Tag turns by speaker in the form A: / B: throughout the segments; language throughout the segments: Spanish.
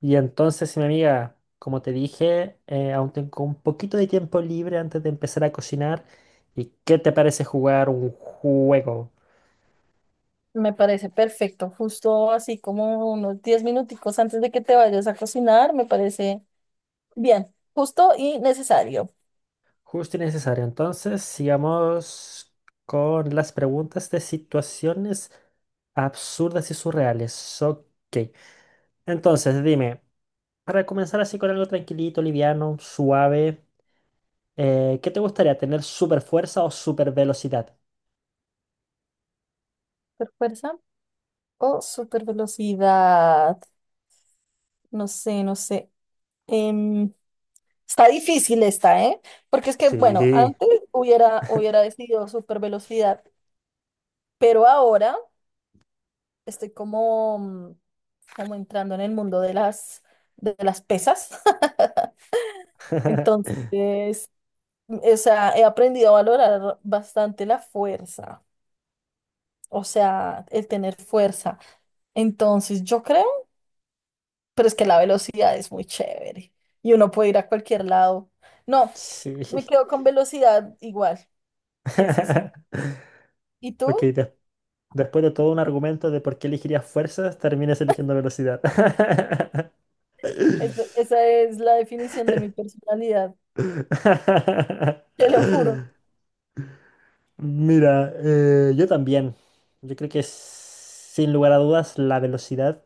A: Y entonces, mi amiga, como te dije, aún tengo un poquito de tiempo libre antes de empezar a cocinar. ¿Y qué te parece jugar un juego?
B: Me parece perfecto, justo así como unos 10 minuticos antes de que te vayas a cocinar, me parece bien, justo y necesario.
A: Justo y necesario. Entonces, sigamos con las preguntas de situaciones absurdas y surreales. Ok. Entonces, dime, para comenzar así con algo tranquilito, liviano, suave, ¿qué te gustaría tener? ¿Super fuerza o super velocidad?
B: ¿Super fuerza o super velocidad? No sé, no sé. Em, está difícil esta, ¿eh? Porque es que, bueno,
A: Sí.
B: antes hubiera decidido super velocidad, pero ahora estoy como, como entrando en el mundo de las pesas. Entonces, o sea, he aprendido a valorar bastante la fuerza, o sea, el tener fuerza. Entonces, yo creo, pero es que la velocidad es muy chévere y uno puede ir a cualquier lado. No,
A: Sí.
B: me quedo con velocidad igual. Sí, sí, sí. ¿Y
A: Ok,
B: tú?
A: des- Después de todo un argumento de por qué elegirías fuerzas, terminas eligiendo velocidad.
B: Esa es la definición de mi personalidad, te lo juro.
A: Mira, yo también. Yo creo que sin lugar a dudas la velocidad.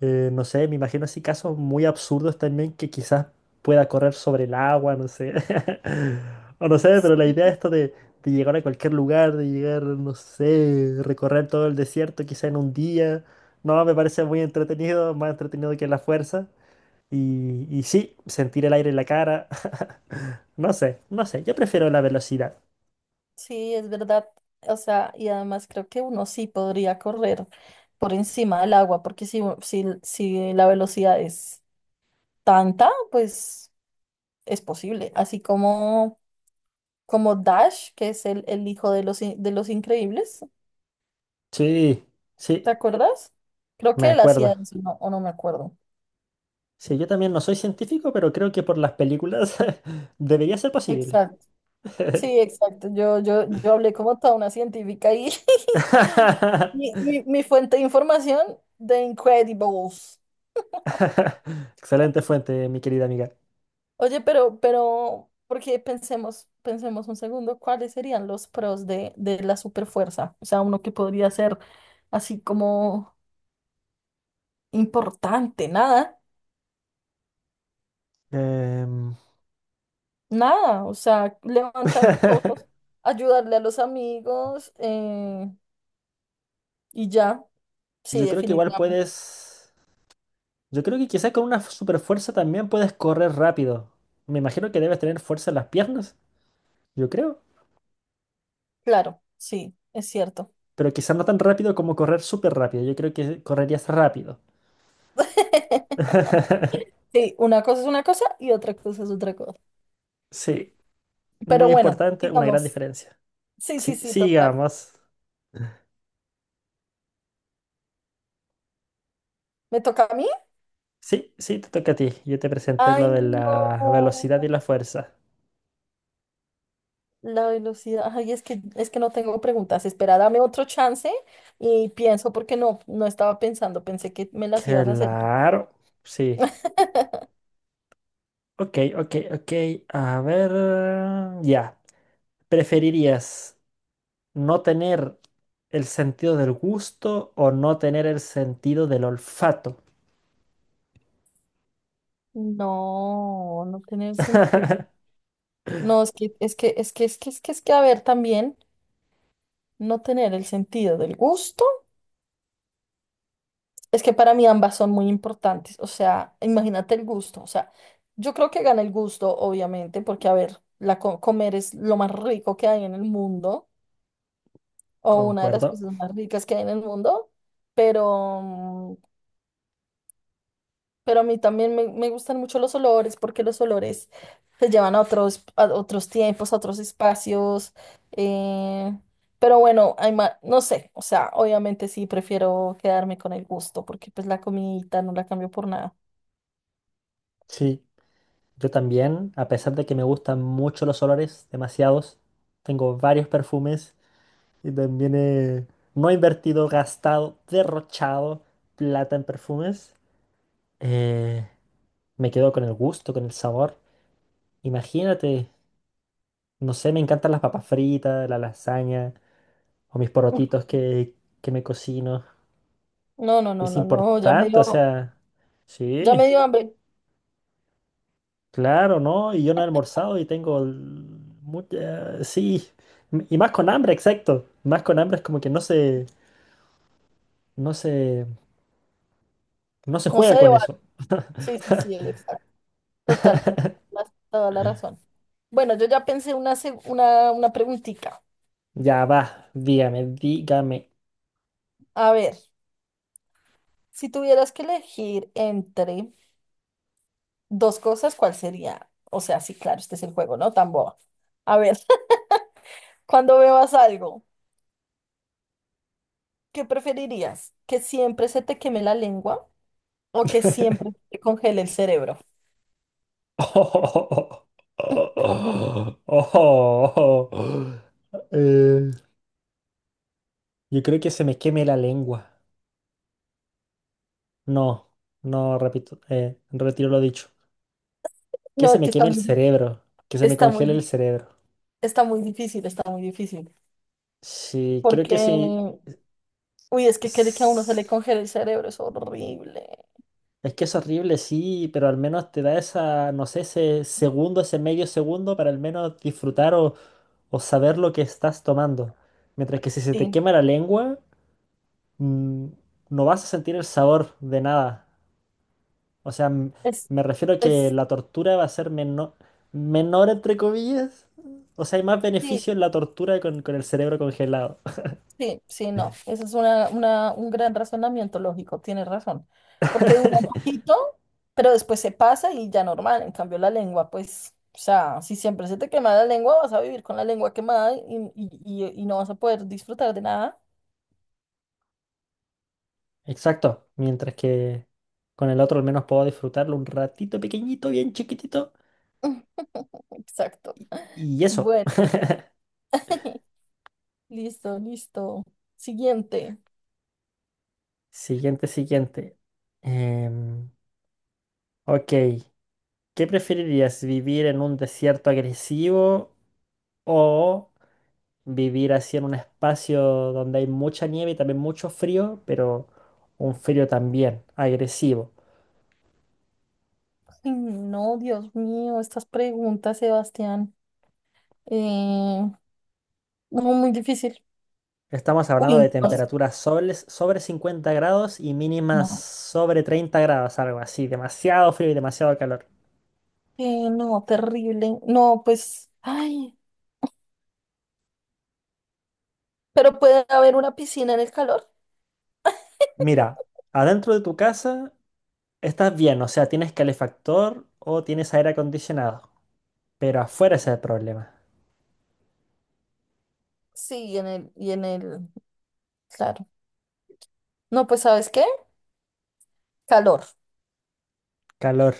A: No sé, me imagino así casos muy absurdos también que quizás pueda correr sobre el agua, no sé. O no sé, pero la idea
B: Sí,
A: esto de llegar a cualquier lugar, de llegar, no sé, recorrer todo el desierto quizá en un día, no, me parece muy entretenido, más entretenido que la fuerza. Y sí, sentir el aire en la cara, no sé, no sé, yo prefiero la velocidad.
B: sí, es verdad. O sea, y además creo que uno sí podría correr por encima del agua, porque si la velocidad es tanta, pues es posible. Así como Dash, que es el hijo de los Increíbles,
A: Sí,
B: ¿te
A: sí,
B: acuerdas? Creo
A: me
B: que él hacía
A: acuerdo.
B: eso, no, o no me acuerdo.
A: Sí, yo también no soy científico, pero creo que por las películas debería ser posible.
B: Exacto. Sí, exacto. Yo hablé como toda una científica y mi fuente de información de Incredibles.
A: Excelente fuente, mi querida amiga.
B: Oye, porque pensemos, pensemos un segundo, ¿cuáles serían los pros de la superfuerza? O sea, uno que podría ser así como. Importante, nada,
A: Em,
B: nada, o sea, levantar cosas, ayudarle a los amigos y ya, sí,
A: yo creo que igual
B: definitivamente,
A: puedes. Yo creo que quizás con una super fuerza también puedes correr rápido. Me imagino que debes tener fuerza en las piernas, yo creo.
B: claro, sí, es cierto.
A: Pero quizás no tan rápido como correr súper rápido. Yo creo que correrías rápido.
B: Sí, una cosa es una cosa y otra cosa es otra cosa.
A: Sí,
B: Pero
A: muy
B: bueno,
A: importante, una gran
B: digamos,
A: diferencia.
B: sí, sí,
A: Sí,
B: sí, total.
A: sigamos.
B: ¿Me toca a mí?
A: Sí, sí, te toca a ti. Yo te presenté
B: Ay,
A: lo de la velocidad y
B: no,
A: la fuerza.
B: la velocidad, ay, es que no tengo preguntas, espera, dame otro chance y pienso porque no, no estaba pensando, pensé que me las ibas a hacer.
A: Claro, sí. Ok, ok, ok. A ver, ya. ¿Preferirías no tener el sentido del gusto o no tener el sentido del olfato?
B: No, no tener sentido. No, es que, es que, es que, es que, es que, es que, a ver, también no tener el sentido del gusto. Es que para mí ambas son muy importantes. O sea, imagínate el gusto. O sea, yo creo que gana el gusto, obviamente, porque, a ver, la comer es lo más rico que hay en el mundo, o una de las
A: Concuerdo.
B: cosas más ricas que hay en el mundo, pero Pero a mí también me gustan mucho los olores porque los olores se llevan a otros tiempos, a otros espacios. Eh, pero bueno, hay no sé, o sea, obviamente sí prefiero quedarme con el gusto porque pues la comidita no la cambio por nada.
A: Sí, yo también, a pesar de que me gustan mucho los olores, demasiados, tengo varios perfumes y también he no he invertido, gastado, derrochado plata en perfumes. Eh, me quedo con el gusto, con el sabor. Imagínate. No sé, me encantan las papas fritas, la lasaña o mis
B: Uf,
A: porotitos que me cocino.
B: no, no, no,
A: Es
B: no, no,
A: importante, o sea,
B: ya
A: sí,
B: me dio hambre.
A: claro, ¿no? Y yo no he almorzado y mucha, sí, y más con hambre, exacto. Más con hambre es como que no se, no se
B: No se
A: juega con
B: debate.
A: eso.
B: Sí, sí, sí, exacto. Total, tienes toda la razón. Bueno, yo ya pensé una preguntita.
A: Ya va, dígame, dígame.
B: A ver, si tuvieras que elegir entre... Dos cosas, ¿cuál sería? O sea, sí, claro, este es el juego, ¿no? Tan boba. A ver, cuando bebas algo, ¿qué preferirías? ¿Que siempre se te queme la lengua o que siempre te congele el cerebro?
A: Oh, oh, oh, oh. Eh, yo creo que se me queme la lengua. No, no, repito, retiro lo dicho.
B: No, es que está muy,
A: Que se me
B: está muy,
A: congele el cerebro.
B: está muy difícil, está muy difícil.
A: Sí, creo
B: Porque,
A: que sí.
B: uy, es que quiere que a uno se le
A: s-
B: congele el cerebro, es horrible.
A: Es que es horrible, sí, pero al menos te da esa, no sé, ese segundo, ese medio segundo para al menos disfrutar o saber lo que estás tomando. Mientras que si se te
B: Sí,
A: quema la lengua, mm, no vas a sentir el sabor de nada. O sea,
B: es,
A: me refiero a que
B: es,
A: la tortura va a ser menor, menor entre comillas. O sea, hay más
B: sí,
A: beneficio en la tortura con el cerebro congelado.
B: sí, sí, no. Ese es un gran razonamiento lógico, tienes razón. Porque dura un poquito, pero después se pasa y ya normal. En cambio, la lengua, pues, o sea, si siempre se te quema la lengua, vas a vivir con la lengua quemada y, y no vas a poder disfrutar de nada.
A: Exacto. Mientras que con el otro al menos puedo disfrutarlo un ratito pequeñito, bien chiquitito.
B: Exacto.
A: Y eso.
B: Bueno, listo, listo. Siguiente.
A: Siguiente, siguiente. Em, ok. ¿Qué preferirías? ¿Vivir en un desierto agresivo o vivir así en un espacio donde hay mucha nieve y también mucho frío, pero un frío también agresivo?
B: Ay, no, Dios mío, estas preguntas, Sebastián. Eh, no, muy difícil.
A: Estamos hablando
B: Uy,
A: de
B: no.
A: temperaturas sobre, sobre 50 grados y mínimas
B: No.
A: sobre 30 grados, algo así, demasiado frío y demasiado calor.
B: No, terrible. No, pues, ay, pero puede haber una piscina en el calor.
A: Mira, adentro de tu casa estás bien, o sea, tienes calefactor o tienes aire acondicionado, pero afuera ese es el problema.
B: Sí, y en el, claro. No, pues, ¿sabes qué? Calor,
A: Calor.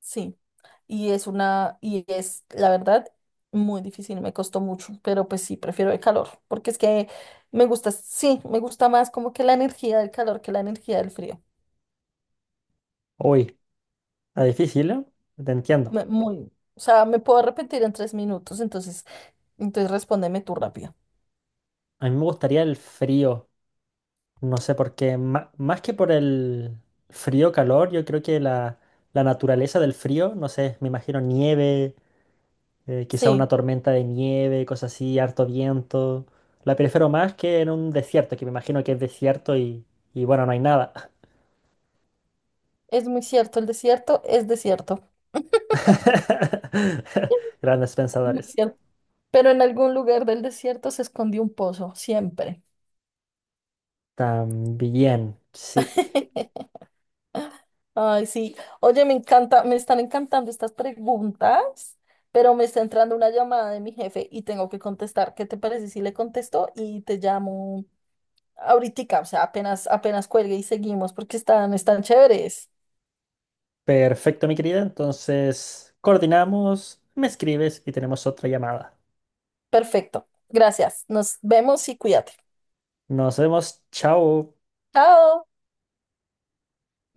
B: sí. Y es una, y es, la verdad, muy difícil, me costó mucho, pero pues sí, prefiero el calor, porque es que me gusta, sí, me gusta más como que la energía del calor que la energía del frío.
A: Uy, está difícil, ¿eh? Te entiendo.
B: Muy, o sea, me puedo arrepentir en 3 minutos, entonces, entonces respóndeme tú rápido.
A: A mí me gustaría el frío. No sé por qué, más que por el frío, calor, yo creo que la naturaleza del frío, no sé, me imagino nieve, quizá una
B: Sí,
A: tormenta de nieve, cosas así, harto viento. La prefiero más que en un desierto, que me imagino que es desierto y bueno, no hay nada.
B: es muy cierto, el desierto es desierto.
A: Grandes
B: Muy
A: pensadores.
B: cierto. Pero en algún lugar del desierto se escondió un pozo, siempre.
A: También, sí.
B: Ay, sí. Oye, me encanta, me están encantando estas preguntas, pero me está entrando una llamada de mi jefe y tengo que contestar. ¿Qué te parece si le contesto y te llamo ahorita? O sea, apenas, apenas cuelgue y seguimos porque están chéveres.
A: Perfecto, mi querida. Entonces, coordinamos, me escribes y tenemos otra llamada.
B: Perfecto. Gracias. Nos vemos y cuídate.
A: Nos vemos. Chao.
B: Chao.